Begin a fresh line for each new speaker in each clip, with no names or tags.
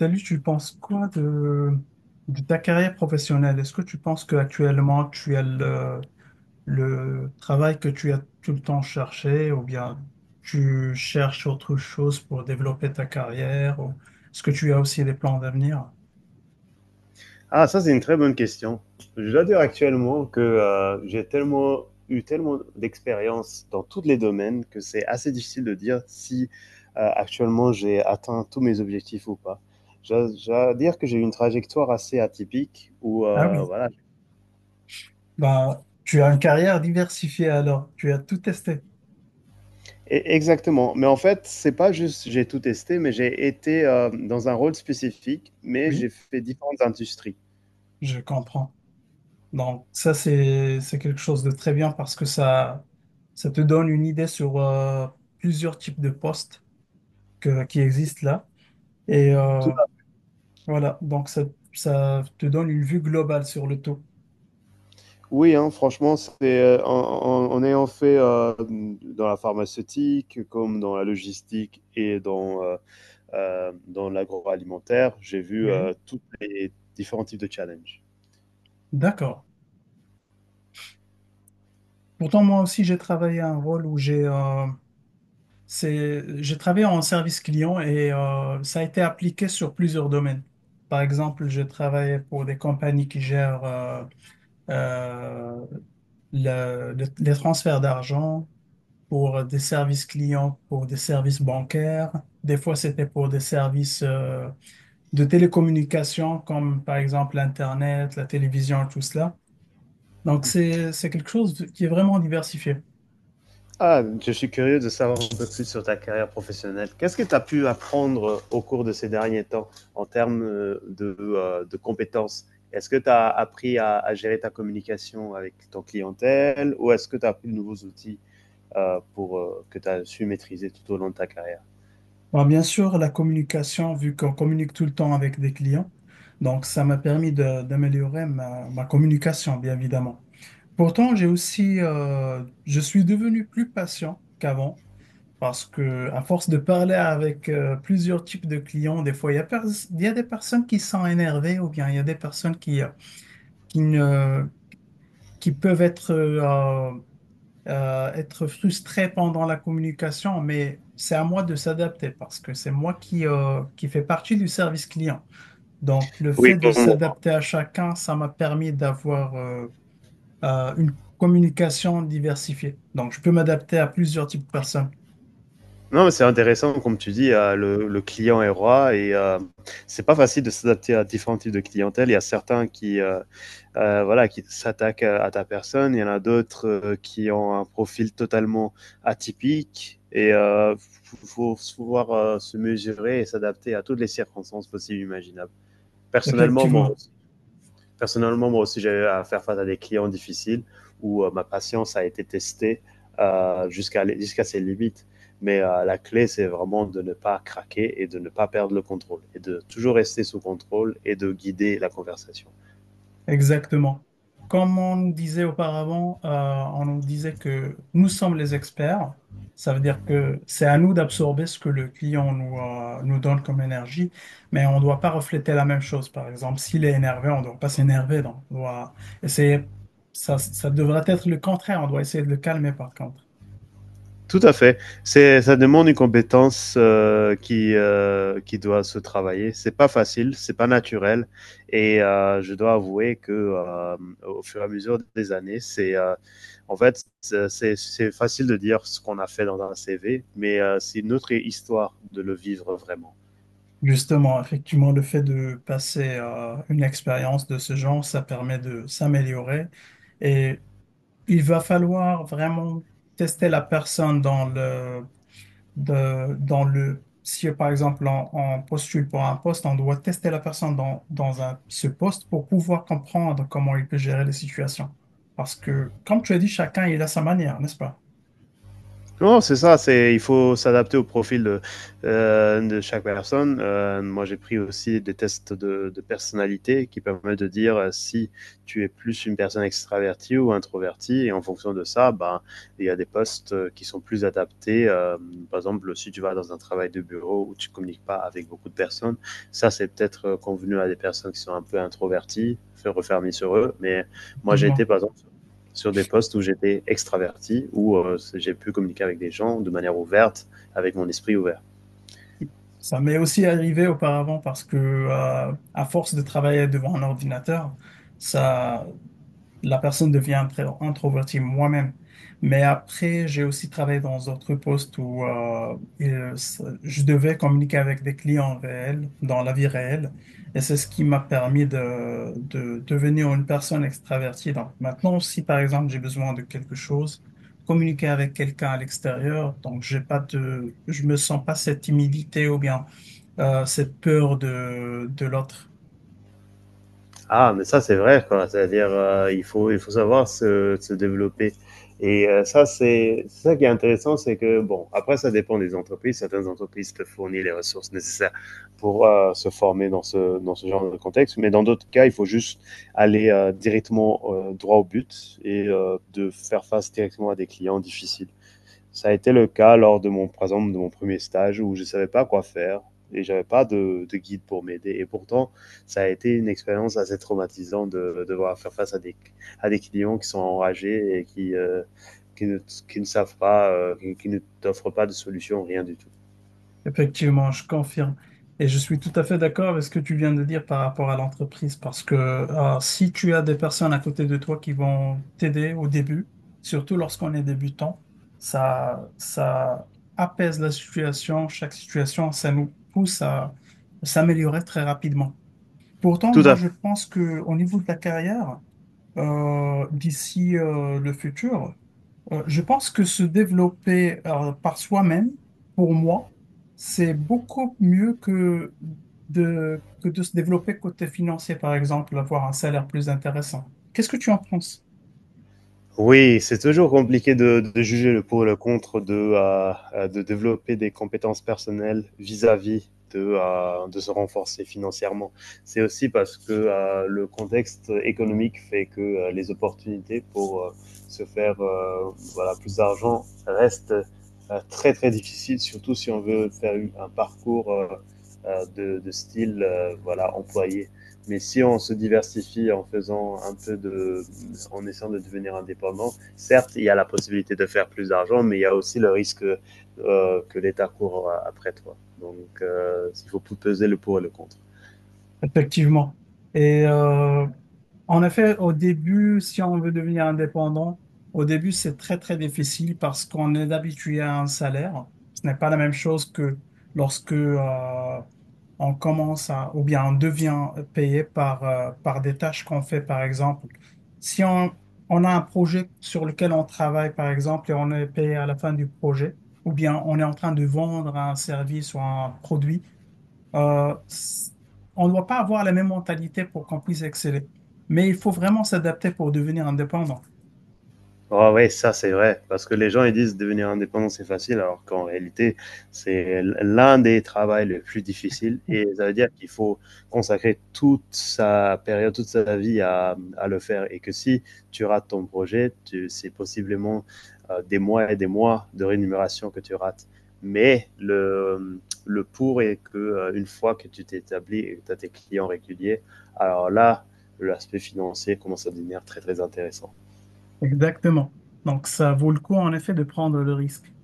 Salut, tu penses quoi de ta carrière professionnelle? Est-ce que tu penses qu'actuellement tu as le travail que tu as tout le temps cherché ou bien tu cherches autre chose pour développer ta carrière ou est-ce que tu as aussi des plans d'avenir?
Ah, ça, c'est une très bonne question. Je dois dire actuellement que j'ai tellement d'expérience dans tous les domaines que c'est assez difficile de dire si actuellement j'ai atteint tous mes objectifs ou pas. Je dois dire que j'ai eu une trajectoire assez atypique où,
Ah oui,
voilà.
bah, tu as une carrière diversifiée alors, tu as tout testé.
Exactement. Mais en fait, c'est pas juste j'ai tout testé, mais j'ai été dans un rôle spécifique, mais
Oui,
j'ai fait différentes industries.
je comprends. Donc ça, c'est quelque chose de très bien parce que ça te donne une idée sur plusieurs types de postes qui existent là. Et euh,
Tout
voilà, donc ça te donne une vue globale sur le tout.
oui, hein, franchement, c'est en ayant fait dans la pharmaceutique, comme dans la logistique et dans l'agroalimentaire, j'ai vu
Oui,
tous les différents types de challenges.
d'accord. Pourtant, moi aussi, j'ai travaillé un rôle où j'ai travaillé en service client et ça a été appliqué sur plusieurs domaines. Par exemple, j'ai travaillé pour des compagnies qui gèrent euh, les transferts d'argent pour des services clients, pour des services bancaires. Des fois, c'était pour des services de télécommunication, comme par exemple l'Internet, la télévision, tout cela. Donc, c'est quelque chose qui est vraiment diversifié.
Ah, je suis curieux de savoir un peu plus sur ta carrière professionnelle. Qu'est-ce que tu as pu apprendre au cours de ces derniers temps en termes de compétences? Est-ce que tu as appris à gérer ta communication avec ton clientèle ou est-ce que tu as appris de nouveaux outils? Pour que tu as su maîtriser tout au long de ta carrière.
Bon, bien sûr, la communication, vu qu'on communique tout le temps avec des clients, donc ça m'a permis d'améliorer ma communication, bien évidemment. Pourtant, je suis devenu plus patient qu'avant parce que à force de parler avec plusieurs types de clients, des fois, il y a des personnes qui sont énervées ou bien il y a des personnes qui ne, qui peuvent être être frustré pendant la communication, mais c'est à moi de s'adapter parce que c'est moi qui qui fait partie du service client. Donc, le
Oui.
fait de s'adapter à chacun, ça m'a permis d'avoir une communication diversifiée. Donc, je peux m'adapter à plusieurs types de personnes.
Non, c'est intéressant, comme tu dis, le client est roi et c'est pas facile de s'adapter à différents types de clientèle. Il y a certains qui, voilà, qui s'attaquent à ta personne, il y en a d'autres qui ont un profil totalement atypique et il faut pouvoir se mesurer et s'adapter à toutes les circonstances possibles et imaginables. Personnellement, moi,
Effectivement.
personnellement, moi aussi, j'ai eu à faire face à des clients difficiles où ma patience a été testée jusqu'à ses limites. Mais la clé, c'est vraiment de ne pas craquer et de ne pas perdre le contrôle et de toujours rester sous contrôle et de guider la conversation.
Exactement. Comme on nous disait auparavant, on nous disait que nous sommes les experts. Ça veut dire que c'est à nous d'absorber ce que le client nous donne comme énergie, mais on ne doit pas refléter la même chose. Par exemple, s'il est énervé, on ne doit pas s'énerver. Donc, on doit essayer. Ça devrait être le contraire. On doit essayer de le calmer, par contre.
Tout à fait. C'est, ça demande une compétence qui qui doit se travailler. C'est pas facile, c'est pas naturel. Et je dois avouer que au fur et à mesure des années, c'est en fait c'est facile de dire ce qu'on a fait dans un CV, mais c'est notre histoire de le vivre vraiment.
Justement, effectivement, le fait de passer à une expérience de ce genre, ça permet de s'améliorer. Et il va falloir vraiment tester la personne dans le, si par exemple on postule pour un poste, on doit tester la personne dans ce poste pour pouvoir comprendre comment il peut gérer les situations. Parce que, comme tu as dit, chacun il a sa manière, n'est-ce pas?
Non, c'est ça, c'est, il faut s'adapter au profil de chaque personne. Moi, j'ai pris aussi des tests de personnalité qui permettent de dire si tu es plus une personne extravertie ou introvertie. Et en fonction de ça, ben, il y a des postes qui sont plus adaptés. Par exemple, si tu vas dans un travail de bureau où tu communiques pas avec beaucoup de personnes, ça, c'est peut-être convenu à des personnes qui sont un peu introverties, se refermer sur eux. Mais moi, j'ai été,
Effectivement.
par exemple, sur des postes où j'étais extraverti, où j'ai pu communiquer avec des gens de manière ouverte, avec mon esprit ouvert.
Ça m'est aussi arrivé auparavant parce que, à force de travailler devant un ordinateur, ça, la personne devient introvertie moi-même. Mais après, j'ai aussi travaillé dans d'autres postes où je devais communiquer avec des clients réels, dans la vie réelle. Et c'est ce qui m'a permis de devenir une personne extravertie. Donc maintenant, si par exemple j'ai besoin de quelque chose, communiquer avec quelqu'un à l'extérieur, donc j'ai pas de je me sens pas cette timidité ou bien cette peur de l'autre.
Ah, mais ça c'est vrai, quoi. C'est-à-dire, il faut savoir se développer. Et ça c'est ça qui est intéressant, c'est que bon, après ça dépend des entreprises. Certaines entreprises te fournissent les ressources nécessaires pour se former dans ce genre de contexte, mais dans d'autres cas, il faut juste aller directement droit au but et de faire face directement à des clients difficiles. Ça a été le cas lors de mon, par exemple, de mon premier stage où je ne savais pas quoi faire et j'avais pas de guide pour m'aider. Et pourtant, ça a été une expérience assez traumatisante de devoir faire face à des clients qui sont enragés et qui, ne, qui ne savent pas, qui ne t'offrent pas de solution, rien du tout.
Effectivement, je confirme. Et je suis tout à fait d'accord avec ce que tu viens de dire par rapport à l'entreprise, parce que si tu as des personnes à côté de toi qui vont t'aider au début, surtout lorsqu'on est débutant, ça apaise la situation, chaque situation, ça nous pousse à s'améliorer très rapidement. Pourtant,
Tout
moi,
à fait.
je pense que au niveau de la carrière, d'ici le futur, je pense que se développer par soi-même, pour moi, c'est beaucoup mieux que que de se développer côté financier, par exemple, avoir un salaire plus intéressant. Qu'est-ce que tu en penses?
Oui, c'est toujours compliqué de juger le pour et le contre de de développer des compétences personnelles vis-à-vis de de se renforcer financièrement. C'est aussi parce que le contexte économique fait que les opportunités pour se faire voilà, plus d'argent restent très très difficiles, surtout si on veut faire un parcours de style voilà, employé. Mais si on se diversifie en faisant un peu, en essayant de devenir indépendant, certes, il y a la possibilité de faire plus d'argent, mais il y a aussi le risque que l'État court après toi. Donc, il faut peser le pour et le contre.
Effectivement. Et euh, en effet, au début, si on veut devenir indépendant, au début, c'est très difficile parce qu'on est habitué à un salaire. Ce n'est pas la même chose que lorsque on commence à, ou bien on devient payé par par des tâches qu'on fait, par exemple. Si on, on a un projet sur lequel on travaille, par exemple, et on est payé à la fin du projet, ou bien on est en train de vendre un service ou un produit, euh, c- on ne doit pas avoir la même mentalité pour qu'on puisse exceller. Mais il faut vraiment s'adapter pour devenir indépendant.
Ah ouais, ça c'est vrai, parce que les gens ils disent devenir indépendant c'est facile, alors qu'en réalité c'est l'un des travaux les plus difficiles et ça veut dire qu'il faut consacrer toute sa période, toute sa vie à le faire et que si tu rates ton projet, tu, c'est possiblement des mois et des mois de rémunération que tu rates. Mais le pour est que une fois que tu t'es établi et que tu as tes clients réguliers, alors là, l'aspect financier commence à devenir très très intéressant.
Exactement. Donc, ça vaut le coup, en effet, de prendre le risque.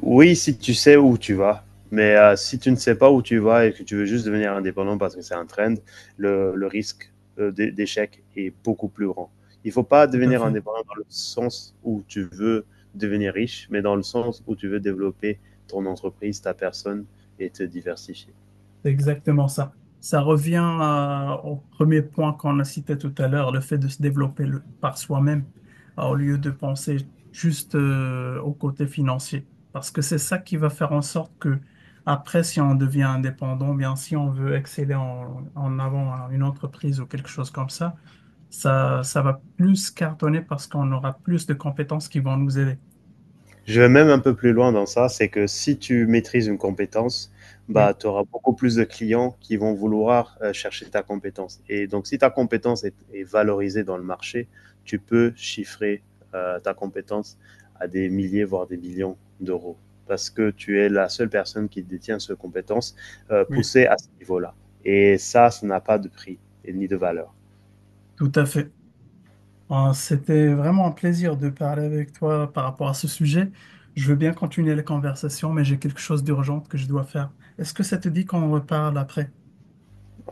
Oui, si tu sais où tu vas. Mais si tu ne sais pas où tu vas et que tu veux juste devenir indépendant parce que c'est un trend, le risque d'échec est beaucoup plus grand. Il ne faut pas
Tout à
devenir
fait.
indépendant dans le sens où tu veux devenir riche, mais dans le sens où tu veux développer ton entreprise, ta personne et te diversifier.
C'est exactement ça. Ça revient au premier point qu'on a cité tout à l'heure, le fait de se développer par soi-même, au lieu de penser juste au côté financier. Parce que c'est ça qui va faire en sorte que, après, si on devient indépendant, bien si on veut exceller en avant à une entreprise ou quelque chose comme ça, ça va plus cartonner parce qu'on aura plus de compétences qui vont nous aider.
Je vais même un peu plus loin dans ça, c'est que si tu maîtrises une compétence, bah,
Oui,
tu auras beaucoup plus de clients qui vont vouloir chercher ta compétence. Et donc, si ta compétence est valorisée dans le marché, tu peux chiffrer ta compétence à des milliers, voire des millions d'euros, parce que tu es la seule personne qui détient cette compétence
oui,
poussée à ce niveau-là. Et ça n'a pas de prix et ni de valeur.
tout à fait. Bon, c'était vraiment un plaisir de parler avec toi par rapport à ce sujet. Je veux bien continuer la conversation, mais j'ai quelque chose d'urgent que je dois faire. Est-ce que ça te dit qu'on reparle après?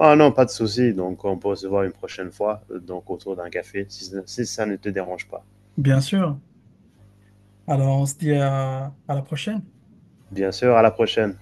Ah non, pas de souci. Donc, on peut se voir une prochaine fois, donc autour d'un café, si si ça ne te dérange pas.
Bien sûr. Alors, on se dit à la prochaine.
Bien sûr, à la prochaine.